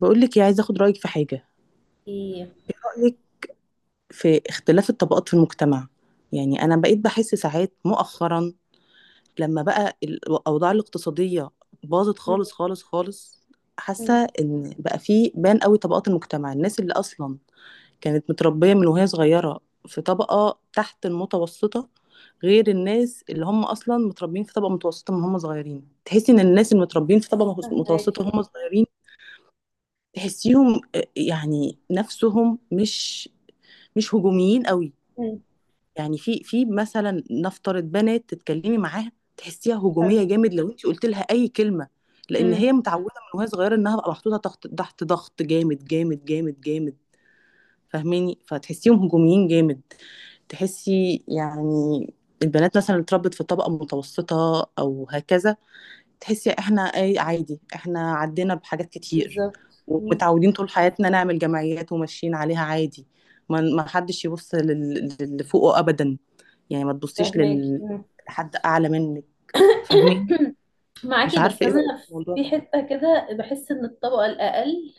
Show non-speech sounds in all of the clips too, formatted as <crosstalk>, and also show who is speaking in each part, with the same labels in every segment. Speaker 1: بقول لك ايه، عايزه اخد رايك في حاجه.
Speaker 2: ايه.
Speaker 1: رايك في اختلاف الطبقات في المجتمع. يعني انا بقيت بحس ساعات مؤخرا لما بقى الاوضاع الاقتصاديه باظت
Speaker 2: مم.
Speaker 1: خالص خالص خالص. حاسه
Speaker 2: مم.
Speaker 1: ان بقى في بان قوي طبقات المجتمع، الناس اللي اصلا كانت متربيه من وهي صغيره في طبقه تحت المتوسطه غير الناس اللي هم اصلا متربيين في طبقه متوسطه من هم صغيرين. تحسي ان الناس المتربيين في طبقه متوسطه
Speaker 2: فهماكي.
Speaker 1: وهم صغيرين تحسيهم آه، يعني نفسهم مش هجوميين قوي.
Speaker 2: مم.
Speaker 1: يعني في مثلا نفترض بنات تتكلمي معاها تحسيها هجوميه
Speaker 2: حلو.
Speaker 1: جامد لو انت قلت لها اي كلمه، لان
Speaker 2: مم.
Speaker 1: هي متعوده من وهي صغيره انها بقى محطوطه تحت ضغط جامد جامد جامد جامد. فاهماني، فتحسيهم هجوميين جامد. تحسي يعني البنات مثلا اللي اتربت في طبقه متوسطه او هكذا، تحسي احنا اي عادي، احنا عدينا بحاجات كتير
Speaker 2: بالظبط، مم.
Speaker 1: ومتعودين طول حياتنا نعمل جمعيات وماشيين عليها عادي. ما حدش يبص للي فوقه ابدا. يعني ما تبصيش
Speaker 2: فهماكي، مم.
Speaker 1: لحد اعلى منك. فاهمين.
Speaker 2: <coughs>
Speaker 1: مش
Speaker 2: معاكي، بس
Speaker 1: عارفه ايه
Speaker 2: انا
Speaker 1: رايك في الموضوع
Speaker 2: في
Speaker 1: ده.
Speaker 2: حته كده بحس ان الطبقه الاقل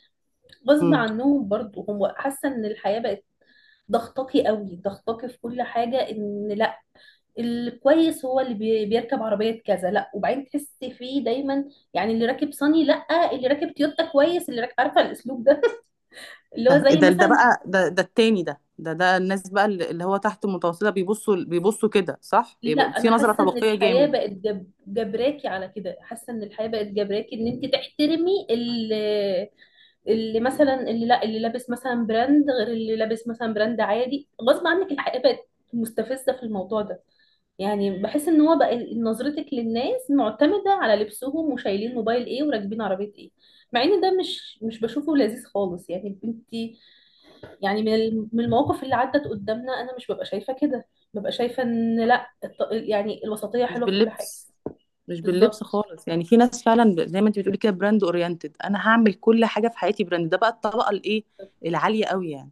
Speaker 2: غصب
Speaker 1: امم.
Speaker 2: عنهم برضو، هم حاسه ان الحياه بقت ضغطاكي قوي، ضغطاكي في كل حاجه. ان لا، الكويس هو اللي بيركب عربيه كذا، لا وبعدين تحسي فيه دايما. يعني اللي راكب صني لا، اللي راكب تويوتا كويس، اللي راكب عارفه الاسلوب ده. <laughs> اللي هو
Speaker 1: ده
Speaker 2: زي مثلا،
Speaker 1: التاني ده الناس بقى اللي هو تحت المتوسطه بيبصوا كده صح،
Speaker 2: لا
Speaker 1: بيبقى
Speaker 2: انا
Speaker 1: في نظره
Speaker 2: حاسه ان
Speaker 1: طبقيه
Speaker 2: الحياه
Speaker 1: جامد.
Speaker 2: بقت جبراكي على كده، حاسه ان الحياه بقت جبراكي ان انت تحترمي اللي لابس مثلا براند، غير اللي لابس مثلا براند عادي، غصب عنك الحياه بقت مستفزه في الموضوع ده. يعني بحس ان هو بقى نظرتك للناس معتمده على لبسهم، وشايلين موبايل ايه، وراكبين عربيه ايه. مع ان ده مش بشوفه لذيذ خالص. يعني انت يعني من من المواقف اللي عدت قدامنا، انا مش ببقى شايفه كده، ببقى شايفه ان لا يعني الوسطيه
Speaker 1: مش
Speaker 2: حلوه في كل حاجه.
Speaker 1: باللبس، مش باللبس
Speaker 2: بالظبط.
Speaker 1: خالص. يعني في ناس فعلا زي ما انت بتقولي كده براند اورينتد، انا هعمل كل حاجه في حياتي براند. ده بقى الطبقه الايه، العاليه قوي يعني.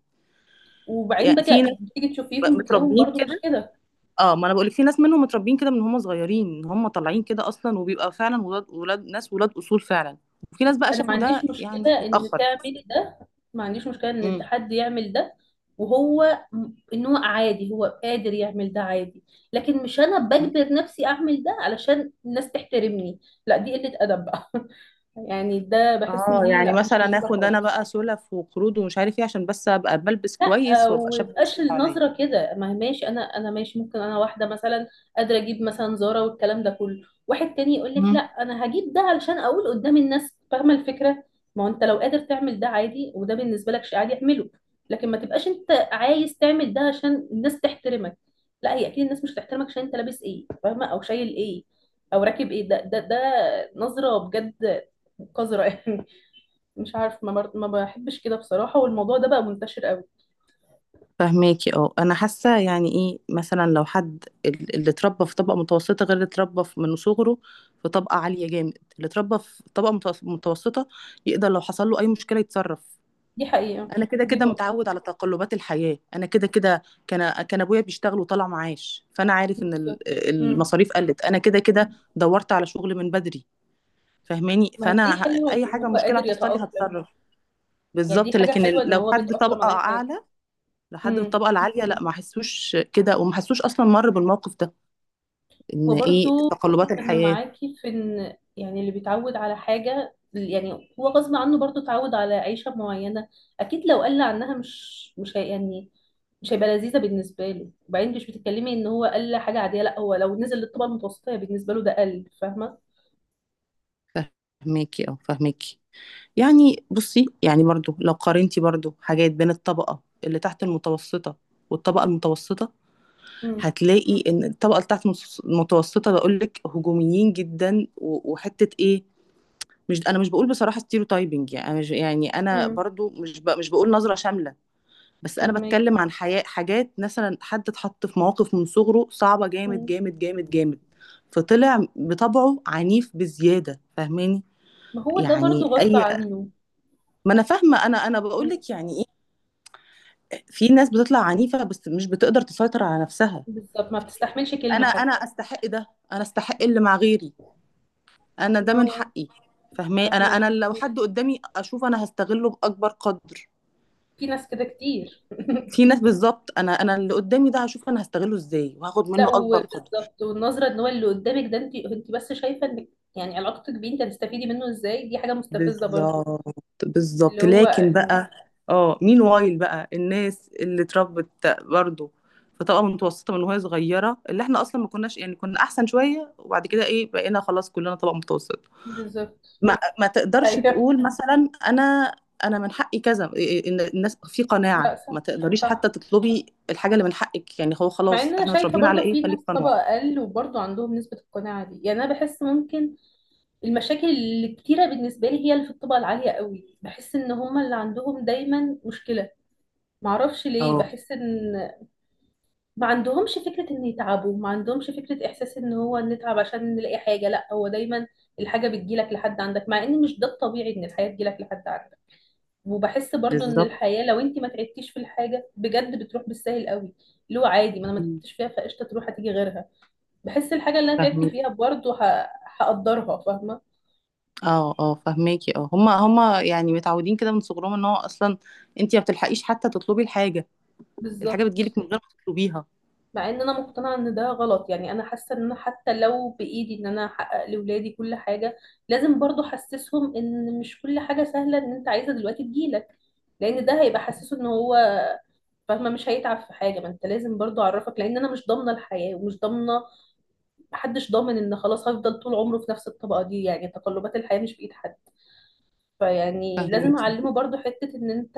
Speaker 2: وبعدين
Speaker 1: يعني في ناس
Speaker 2: بتيجي
Speaker 1: بقى
Speaker 2: تشوفيهم بتلاقيهم
Speaker 1: متربيين
Speaker 2: برضو مش
Speaker 1: كده.
Speaker 2: كده.
Speaker 1: اه ما انا بقول لك، في ناس منهم متربيين كده من هم صغيرين ان هم طالعين كده اصلا، وبيبقى فعلا ولاد ولاد ناس ولاد اصول فعلا. وفي ناس بقى
Speaker 2: انا ما
Speaker 1: شافوا ده
Speaker 2: عنديش
Speaker 1: يعني
Speaker 2: مشكله ان
Speaker 1: متاخر.
Speaker 2: تعملي ده، ما عنديش مشكله ان
Speaker 1: امم.
Speaker 2: الحد يعمل ده، وهو ان هو عادي، هو قادر يعمل ده عادي. لكن مش انا بجبر نفسي اعمل ده علشان الناس تحترمني، لا دي قله ادب بقى. <laughs> يعني ده بحس ان
Speaker 1: اه
Speaker 2: دي
Speaker 1: يعني
Speaker 2: لا مش
Speaker 1: مثلا
Speaker 2: لذيذه
Speaker 1: اخد انا
Speaker 2: خالص.
Speaker 1: بقى سلف وقروض ومش عارف ايه عشان بس ابقى بلبس
Speaker 2: لا
Speaker 1: كويس
Speaker 2: آه،
Speaker 1: وابقى شبه الناس
Speaker 2: ويبقاش
Speaker 1: اللي حواليا.
Speaker 2: النظره كده. ما هي ماشي، انا ماشي، ممكن انا واحده مثلا قادره اجيب مثلا زاره والكلام ده كله، واحد تاني يقول لك لا انا هجيب ده علشان اقول قدام الناس، فاهمه الفكره. ما هو انت لو قادر تعمل ده عادي، وده بالنسبه لك شيء عادي اعمله، لكن ما تبقاش انت عايز تعمل ده عشان الناس تحترمك. لا، هي اكيد الناس مش هتحترمك عشان انت لابس ايه، فاهمه، او شايل ايه، او راكب ايه. ده ده ده نظره بجد قذره يعني. <laughs> مش عارف، ما بحبش كده بصراحه، والموضوع ده بقى منتشر قوي.
Speaker 1: فهماكي. اه انا حاسه يعني ايه، مثلا لو حد اللي اتربى في طبقه متوسطه غير اللي اتربى من صغره في طبقه عاليه جامد، اللي اتربى في طبقه متوسطه يقدر لو حصل له اي مشكله يتصرف.
Speaker 2: دي حقيقة.
Speaker 1: انا كده
Speaker 2: دي
Speaker 1: كده
Speaker 2: نقطة.
Speaker 1: متعود على تقلبات الحياه، انا كده كده كان ابويا بيشتغل وطلع معاش فانا عارف ان
Speaker 2: بالظبط، مم.
Speaker 1: المصاريف قلت، انا كده كده دورت على شغل من بدري. فاهماني.
Speaker 2: ما هي دي حلوة
Speaker 1: اي
Speaker 2: إن
Speaker 1: حاجه
Speaker 2: هو
Speaker 1: مشكله
Speaker 2: قادر
Speaker 1: هتحصل لي
Speaker 2: يتأقلم.
Speaker 1: هتصرف.
Speaker 2: يعني دي
Speaker 1: بالظبط.
Speaker 2: حاجة
Speaker 1: لكن
Speaker 2: حلوة إن
Speaker 1: لو
Speaker 2: هو
Speaker 1: حد
Speaker 2: بيتأقلم
Speaker 1: طبقه
Speaker 2: على أي حاجة.
Speaker 1: اعلى، لحد من
Speaker 2: مم.
Speaker 1: الطبقه العاليه، لا ما حسوش كده وما حسوش اصلا مر بالموقف ده، ان ايه
Speaker 2: وبرضو
Speaker 1: تقلبات
Speaker 2: أنا
Speaker 1: الحياه.
Speaker 2: معاكي في إن يعني اللي بيتعود على حاجة، يعني هو غصب عنه برضو اتعود على عيشة معينة، أكيد لو قل عنها مش هي يعني، مش هيبقى لذيذة بالنسبة له. وبعدين مش بتتكلمي إن هو قل حاجة عادية، لأ هو لو نزل للطبقة المتوسطة هي بالنسبة له ده قل، فاهمة؟
Speaker 1: فهماكي او فهماكي. يعني بصي، يعني برضو لو قارنتي برضو حاجات بين الطبقه اللي تحت المتوسطه والطبقه المتوسطه،
Speaker 2: مم.
Speaker 1: هتلاقي ان الطبقه اللي تحت المتوسطه بقول لك هجوميين جدا وحته ايه. مش انا مش بقول بصراحه ستيريوتايبنج، يعني أنا مش- يعني انا
Speaker 2: مم.
Speaker 1: برضو مش بقول نظره شامله. بس انا
Speaker 2: فاهمك.
Speaker 1: بتكلم عن حياة، حاجات مثلا حد اتحط في مواقف من صغره صعبة جامد
Speaker 2: مم.
Speaker 1: جامد جامد جامد، فطلع بطبعه عنيف بزيادة. فاهماني.
Speaker 2: ما هو ده
Speaker 1: يعني
Speaker 2: برضو غصب
Speaker 1: اي.
Speaker 2: عنه.
Speaker 1: ما انا فاهمة، انا بقول
Speaker 2: مم.
Speaker 1: لك يعني ايه، في ناس بتطلع عنيفة بس مش بتقدر تسيطر على نفسها.
Speaker 2: بالظبط، ما بتستحملش
Speaker 1: انا
Speaker 2: كلمة
Speaker 1: انا
Speaker 2: حتى.
Speaker 1: استحق ده، انا استحق
Speaker 2: مم.
Speaker 1: اللي مع غيري، انا ده
Speaker 2: ما
Speaker 1: من
Speaker 2: هو
Speaker 1: حقي. فاهماني. انا
Speaker 2: فاهمك.
Speaker 1: انا لو حد قدامي اشوف انا هستغله باكبر قدر.
Speaker 2: في ناس كده كتير.
Speaker 1: في
Speaker 2: <laughs>
Speaker 1: ناس، بالظبط. انا اللي قدامي ده هشوف انا هستغله ازاي وهاخد
Speaker 2: لا
Speaker 1: منه اكبر قدر.
Speaker 2: وبالظبط، والنظرة ان هو اللي قدامك ده، انت بس شايفة انك يعني علاقتك بيه انت هتستفيدي منه ازاي، دي حاجة مستفزة برضو.
Speaker 1: بالظبط.
Speaker 2: اللي
Speaker 1: بالظبط
Speaker 2: هو
Speaker 1: لكن بقى، اه مين وايل بقى الناس اللي اتربت برضه في طبقه متوسطه من وهي صغيره، اللي احنا اصلا ما كناش يعني كنا احسن شويه وبعد كده ايه بقينا خلاص كلنا طبقه متوسطه.
Speaker 2: بالظبط.
Speaker 1: ما
Speaker 2: <laughs>
Speaker 1: تقدرش
Speaker 2: ايوه.
Speaker 1: تقول مثلا انا، انا من حقي كذا إيه، إن الناس في قناعه
Speaker 2: لا صح.
Speaker 1: ما تقدريش حتى
Speaker 2: صح.
Speaker 1: تطلبي الحاجه اللي من حقك، يعني هو
Speaker 2: مع
Speaker 1: خلاص
Speaker 2: ان انا
Speaker 1: احنا
Speaker 2: شايفة
Speaker 1: متربيين على
Speaker 2: برضو
Speaker 1: ايه،
Speaker 2: في ناس
Speaker 1: خليك
Speaker 2: طبقة
Speaker 1: قنوع.
Speaker 2: اقل وبرضو عندهم نسبة القناعة دي. يعني انا بحس ممكن المشاكل الكتيرة بالنسبة لي، هي اللي في الطبقة العالية قوي، بحس ان هما اللي عندهم دايما مشكلة. معرفش ليه
Speaker 1: اه
Speaker 2: بحس ان ما عندهمش فكرة ان يتعبوا، ما عندهمش فكرة احساس ان هو نتعب عشان نلاقي حاجة، لا هو دايما الحاجة بتجيلك لحد عندك، مع ان مش ده الطبيعي ان الحياة تجيلك لحد عندك. وبحس برضو ان
Speaker 1: بالظبط.
Speaker 2: الحياة لو انت ما تعبتيش في الحاجة بجد بتروح بالسهل قوي، اللي هو عادي ما انا ما تعبتش فيها، فقشطة تروح هتيجي غيرها. بحس الحاجة اللي انا تعبت فيها برضو هقدرها، فاهمة.
Speaker 1: اه اه فهماكي. اه هما يعني متعودين كده من صغرهم، ان هو اصلا انت ما بتلحقيش حتى تطلبي الحاجه، الحاجه
Speaker 2: بالظبط.
Speaker 1: بتجيلك من غير ما تطلبيها.
Speaker 2: مع ان انا مقتنعه ان ده غلط. يعني انا حاسه ان انا حتى لو بايدي ان انا احقق لاولادي كل حاجه، لازم برضو احسسهم ان مش كل حاجه سهله، ان انت عايزه دلوقتي تجيلك، لان ده هيبقى حسسه ان هو فاهمه مش هيتعب في حاجه. ما انت لازم برضو اعرفك، لان انا مش ضامنه الحياه، ومش ضامنه، محدش ضامن ان خلاص هفضل طول عمره في نفس الطبقه دي. يعني تقلبات الحياه مش بايد حد، فيعني لازم
Speaker 1: فهماكي.
Speaker 2: اعلمه برضو حتة ان انت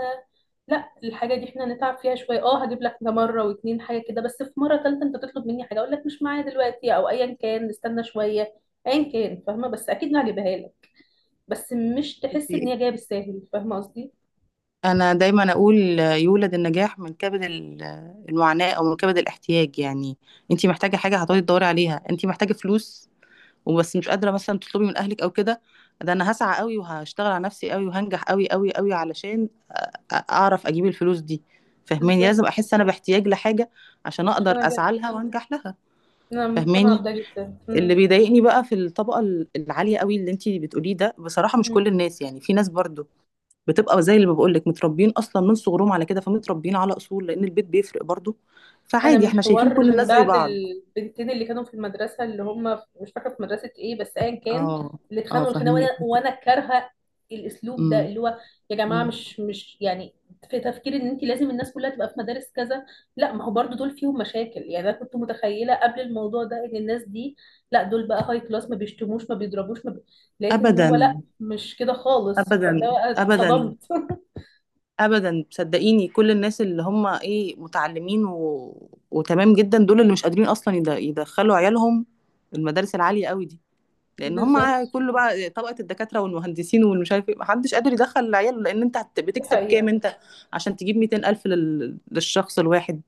Speaker 2: لا، الحاجة دي احنا هنتعب فيها شوية، اه هجيب لك ده مرة واتنين حاجة كده، بس في مرة تالتة انت تطلب مني حاجة اقول لك مش معايا دلوقتي، او ايا كان نستنى شوية، ايا كان، فاهمة، بس اكيد هجيبها لك، بس مش تحس ان هي جاية بالساهل، فاهمة قصدي.
Speaker 1: انا دايما اقول آه، يولد النجاح من كبد المعاناه، او من كبد الاحتياج. يعني انت محتاجه حاجه هتقعدي تدوري عليها، انت محتاجه فلوس وبس مش قادره مثلا تطلبي من اهلك او كده، ده انا هسعى قوي وهشتغل على نفسي قوي وهنجح قوي قوي قوي علشان اعرف اجيب الفلوس دي. فاهماني، لازم
Speaker 2: بالظبط.
Speaker 1: احس انا باحتياج لحاجه عشان
Speaker 2: عشان
Speaker 1: اقدر
Speaker 2: انا
Speaker 1: اسعى
Speaker 2: جاية،
Speaker 1: لها وانجح لها.
Speaker 2: انا مقتنعة
Speaker 1: فاهماني.
Speaker 2: بده جدا،
Speaker 1: اللي
Speaker 2: مم.
Speaker 1: بيضايقني بقى في الطبقه العاليه قوي اللي انتي بتقوليه ده، بصراحه مش
Speaker 2: مم.
Speaker 1: كل الناس يعني، في ناس برضو بتبقى زي اللي بقول لك متربيين اصلا من صغرهم على كده، فمتربيين على اصول لان البيت بيفرق برضو،
Speaker 2: انا
Speaker 1: فعادي
Speaker 2: من
Speaker 1: احنا شايفين كل
Speaker 2: حوار من
Speaker 1: الناس زي
Speaker 2: بعد
Speaker 1: بعض.
Speaker 2: البنتين اللي كانوا في المدرسه، اللي هم مش فاكره في مدرسه ايه، بس ايا كان،
Speaker 1: اه
Speaker 2: اللي
Speaker 1: اه
Speaker 2: اتخانقوا الخناقه، وانا
Speaker 1: فاهمك.
Speaker 2: وانا كارهه الاسلوب ده،
Speaker 1: امم.
Speaker 2: اللي هو يا جماعه،
Speaker 1: أمم.
Speaker 2: مش يعني في تفكير ان انت لازم الناس كلها تبقى في مدارس كذا. لا، ما هو برضو دول فيهم مشاكل. يعني انا كنت متخيله قبل الموضوع ده ان الناس دي، لا دول بقى هاي كلاس، ما بيشتموش، ما بيضربوش، ما بي... لقيت ان هو لا،
Speaker 1: ابدا.
Speaker 2: مش كده خالص. فده
Speaker 1: ابدا.
Speaker 2: بقى
Speaker 1: ابدا.
Speaker 2: اتصدمت. <laughs>
Speaker 1: ابدا صدقيني، كل الناس اللي هم ايه متعلمين وتمام جدا دول اللي مش قادرين اصلا يدخلوا عيالهم المدارس العاليه قوي دي، لان هم
Speaker 2: بالظبط.
Speaker 1: كله بقى طبقه الدكاتره والمهندسين والمش عارف ايه، محدش قادر يدخل عياله، لان انت
Speaker 2: دي
Speaker 1: بتكسب كام
Speaker 2: حقيقه.
Speaker 1: انت عشان تجيب 200 الف للشخص الواحد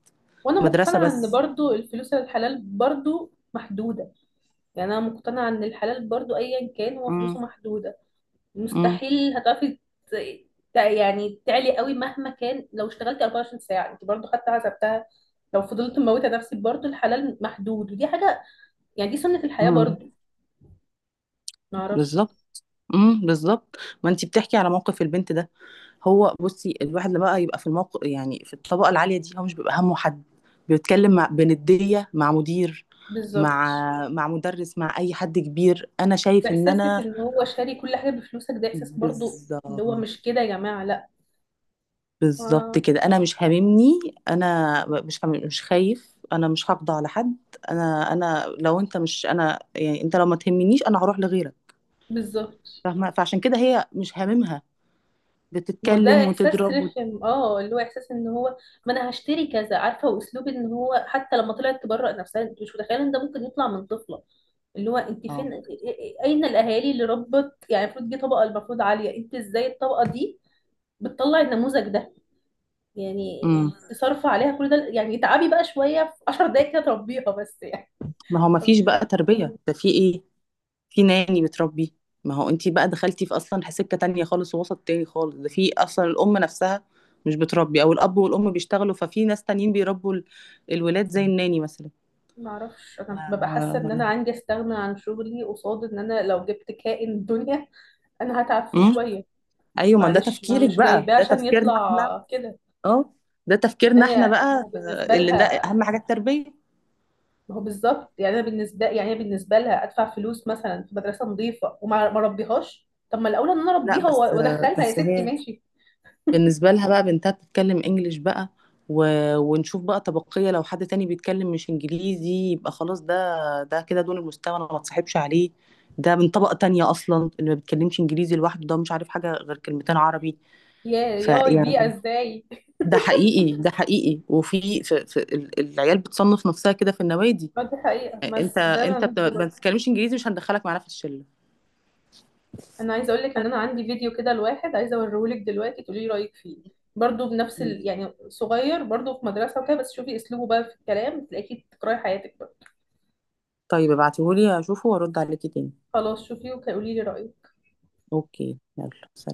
Speaker 2: وانا
Speaker 1: مدرسه
Speaker 2: مقتنعه ان
Speaker 1: بس.
Speaker 2: برضو الفلوس الحلال برضو محدوده، يعني انا مقتنعه ان الحلال برضو ايا كان هو
Speaker 1: امم.
Speaker 2: فلوسه محدوده،
Speaker 1: امم.
Speaker 2: مستحيل هتعرفي ت- يعني تعلي قوي مهما كان. لو اشتغلتي 24 ساعه انت برضو حتى حسبتها، لو فضلت مموته نفسك برضو الحلال محدود، ودي حاجه يعني دي سنه الحياه
Speaker 1: امم
Speaker 2: برضو، معرفش.
Speaker 1: بالظبط. بالظبط. ما انت بتحكي على موقف البنت ده. هو بصي الواحد لما بقى يبقى في الموقف، يعني في الطبقه العاليه دي، هو مش بيبقى همه حد، بيتكلم مع بنديه، مع مدير،
Speaker 2: بالظبط.
Speaker 1: مع مدرس، مع اي حد كبير، انا شايف ان
Speaker 2: احساسك
Speaker 1: انا،
Speaker 2: ان هو شاري كل حاجه بفلوسك، ده احساس برضو اللي هو
Speaker 1: بالظبط،
Speaker 2: مش كده يا جماعه، لا.
Speaker 1: بالظبط
Speaker 2: آه.
Speaker 1: كده. انا مش هاممني، انا مش خايف، انا مش هقضى على حد. انا لو انت مش انا، يعني انت لو ما تهمنيش انا هروح لغيرك.
Speaker 2: بالظبط،
Speaker 1: فاهمه. فعشان كده هي مش هاممها،
Speaker 2: ما هو ده
Speaker 1: بتتكلم
Speaker 2: احساس
Speaker 1: وتضرب
Speaker 2: رخم. اه، اللي هو احساس ان هو ما انا هشتري كذا، عارفه، واسلوب ان هو حتى لما طلعت تبرأ نفسها، انت مش متخيله ان ده ممكن يطلع من طفله. اللي هو انت فين
Speaker 1: اه.
Speaker 2: اين الاهالي اللي ربت؟ يعني المفروض دي طبقه المفروض عاليه، انت ازاي الطبقه دي بتطلع النموذج ده؟ يعني
Speaker 1: امم.
Speaker 2: تصرف عليها كل ده، يعني اتعبي بقى شويه في 10 دقايق كده تربيها بس يعني.
Speaker 1: ما هو ما فيش
Speaker 2: فم-
Speaker 1: بقى تربيه، ده في ايه، في ناني بتربي. ما هو انت بقى دخلتي في اصلا سكه تانية خالص ووسط تاني خالص، ده في اصلا الام نفسها مش بتربي، او الاب والام بيشتغلوا ففي ناس تانيين بيربوا الولاد زي الناني مثلا.
Speaker 2: ما اعرفش، انا ببقى حاسه ان انا عندي استغنى عن شغلي قصاد ان انا لو جبت كائن الدنيا انا هتعب فيه
Speaker 1: آه.
Speaker 2: شويه.
Speaker 1: ايوه ما ده
Speaker 2: معلش ما انا
Speaker 1: تفكيرك
Speaker 2: مش
Speaker 1: بقى،
Speaker 2: جايباه
Speaker 1: ده
Speaker 2: عشان
Speaker 1: تفكيرنا احنا.
Speaker 2: يطلع كده.
Speaker 1: اه ده تفكيرنا احنا
Speaker 2: ما هو
Speaker 1: بقى
Speaker 2: بالنسبه
Speaker 1: اللي ده
Speaker 2: لها،
Speaker 1: اهم حاجه التربيه.
Speaker 2: ما هو بالظبط، يعني انا بالنسبه، يعني هي بالنسبه لها ادفع فلوس مثلا في مدرسه نظيفه وما ما ربيهاش، طب ما الاولى ان انا
Speaker 1: لا
Speaker 2: اربيها
Speaker 1: بس،
Speaker 2: وادخلها يا
Speaker 1: بس
Speaker 2: ستي
Speaker 1: هي
Speaker 2: ماشي.
Speaker 1: بالنسبه لها بقى بنتها بتتكلم انجليش بقى و... ونشوف بقى طبقيه، لو حد تاني بيتكلم مش انجليزي يبقى خلاص ده، ده كده دون المستوى انا ما اتصاحبش عليه، ده من طبقه تانية اصلا، اللي ما بيتكلمش انجليزي لوحده ده مش عارف حاجه غير كلمتين عربي.
Speaker 2: يا ياي، بيئه
Speaker 1: فيعني
Speaker 2: ازاي!
Speaker 1: ده حقيقي، ده حقيقي، وفي العيال بتصنف نفسها كده في النوادي.
Speaker 2: ما دي حقيقه،
Speaker 1: انت
Speaker 2: بس ده انا
Speaker 1: انت
Speaker 2: ضده
Speaker 1: ما
Speaker 2: برضه.
Speaker 1: بتتكلمش انجليزي مش هندخلك معانا في الشله.
Speaker 2: انا عايزه اقول لك ان انا عندي فيديو كده لواحد، عايزه اوريه لك دلوقتي تقولي لي رايك فيه، برضه بنفس
Speaker 1: مم.
Speaker 2: يعني صغير برضه في مدرسه وكده، بس شوفي اسلوبه بقى في الكلام، تلاقيكي تكرهي حياتك بقى.
Speaker 1: طيب ابعتيهولي اشوفه وارد عليكي تاني.
Speaker 2: خلاص شوفي وقولي لي رايك.
Speaker 1: اوكي يلا.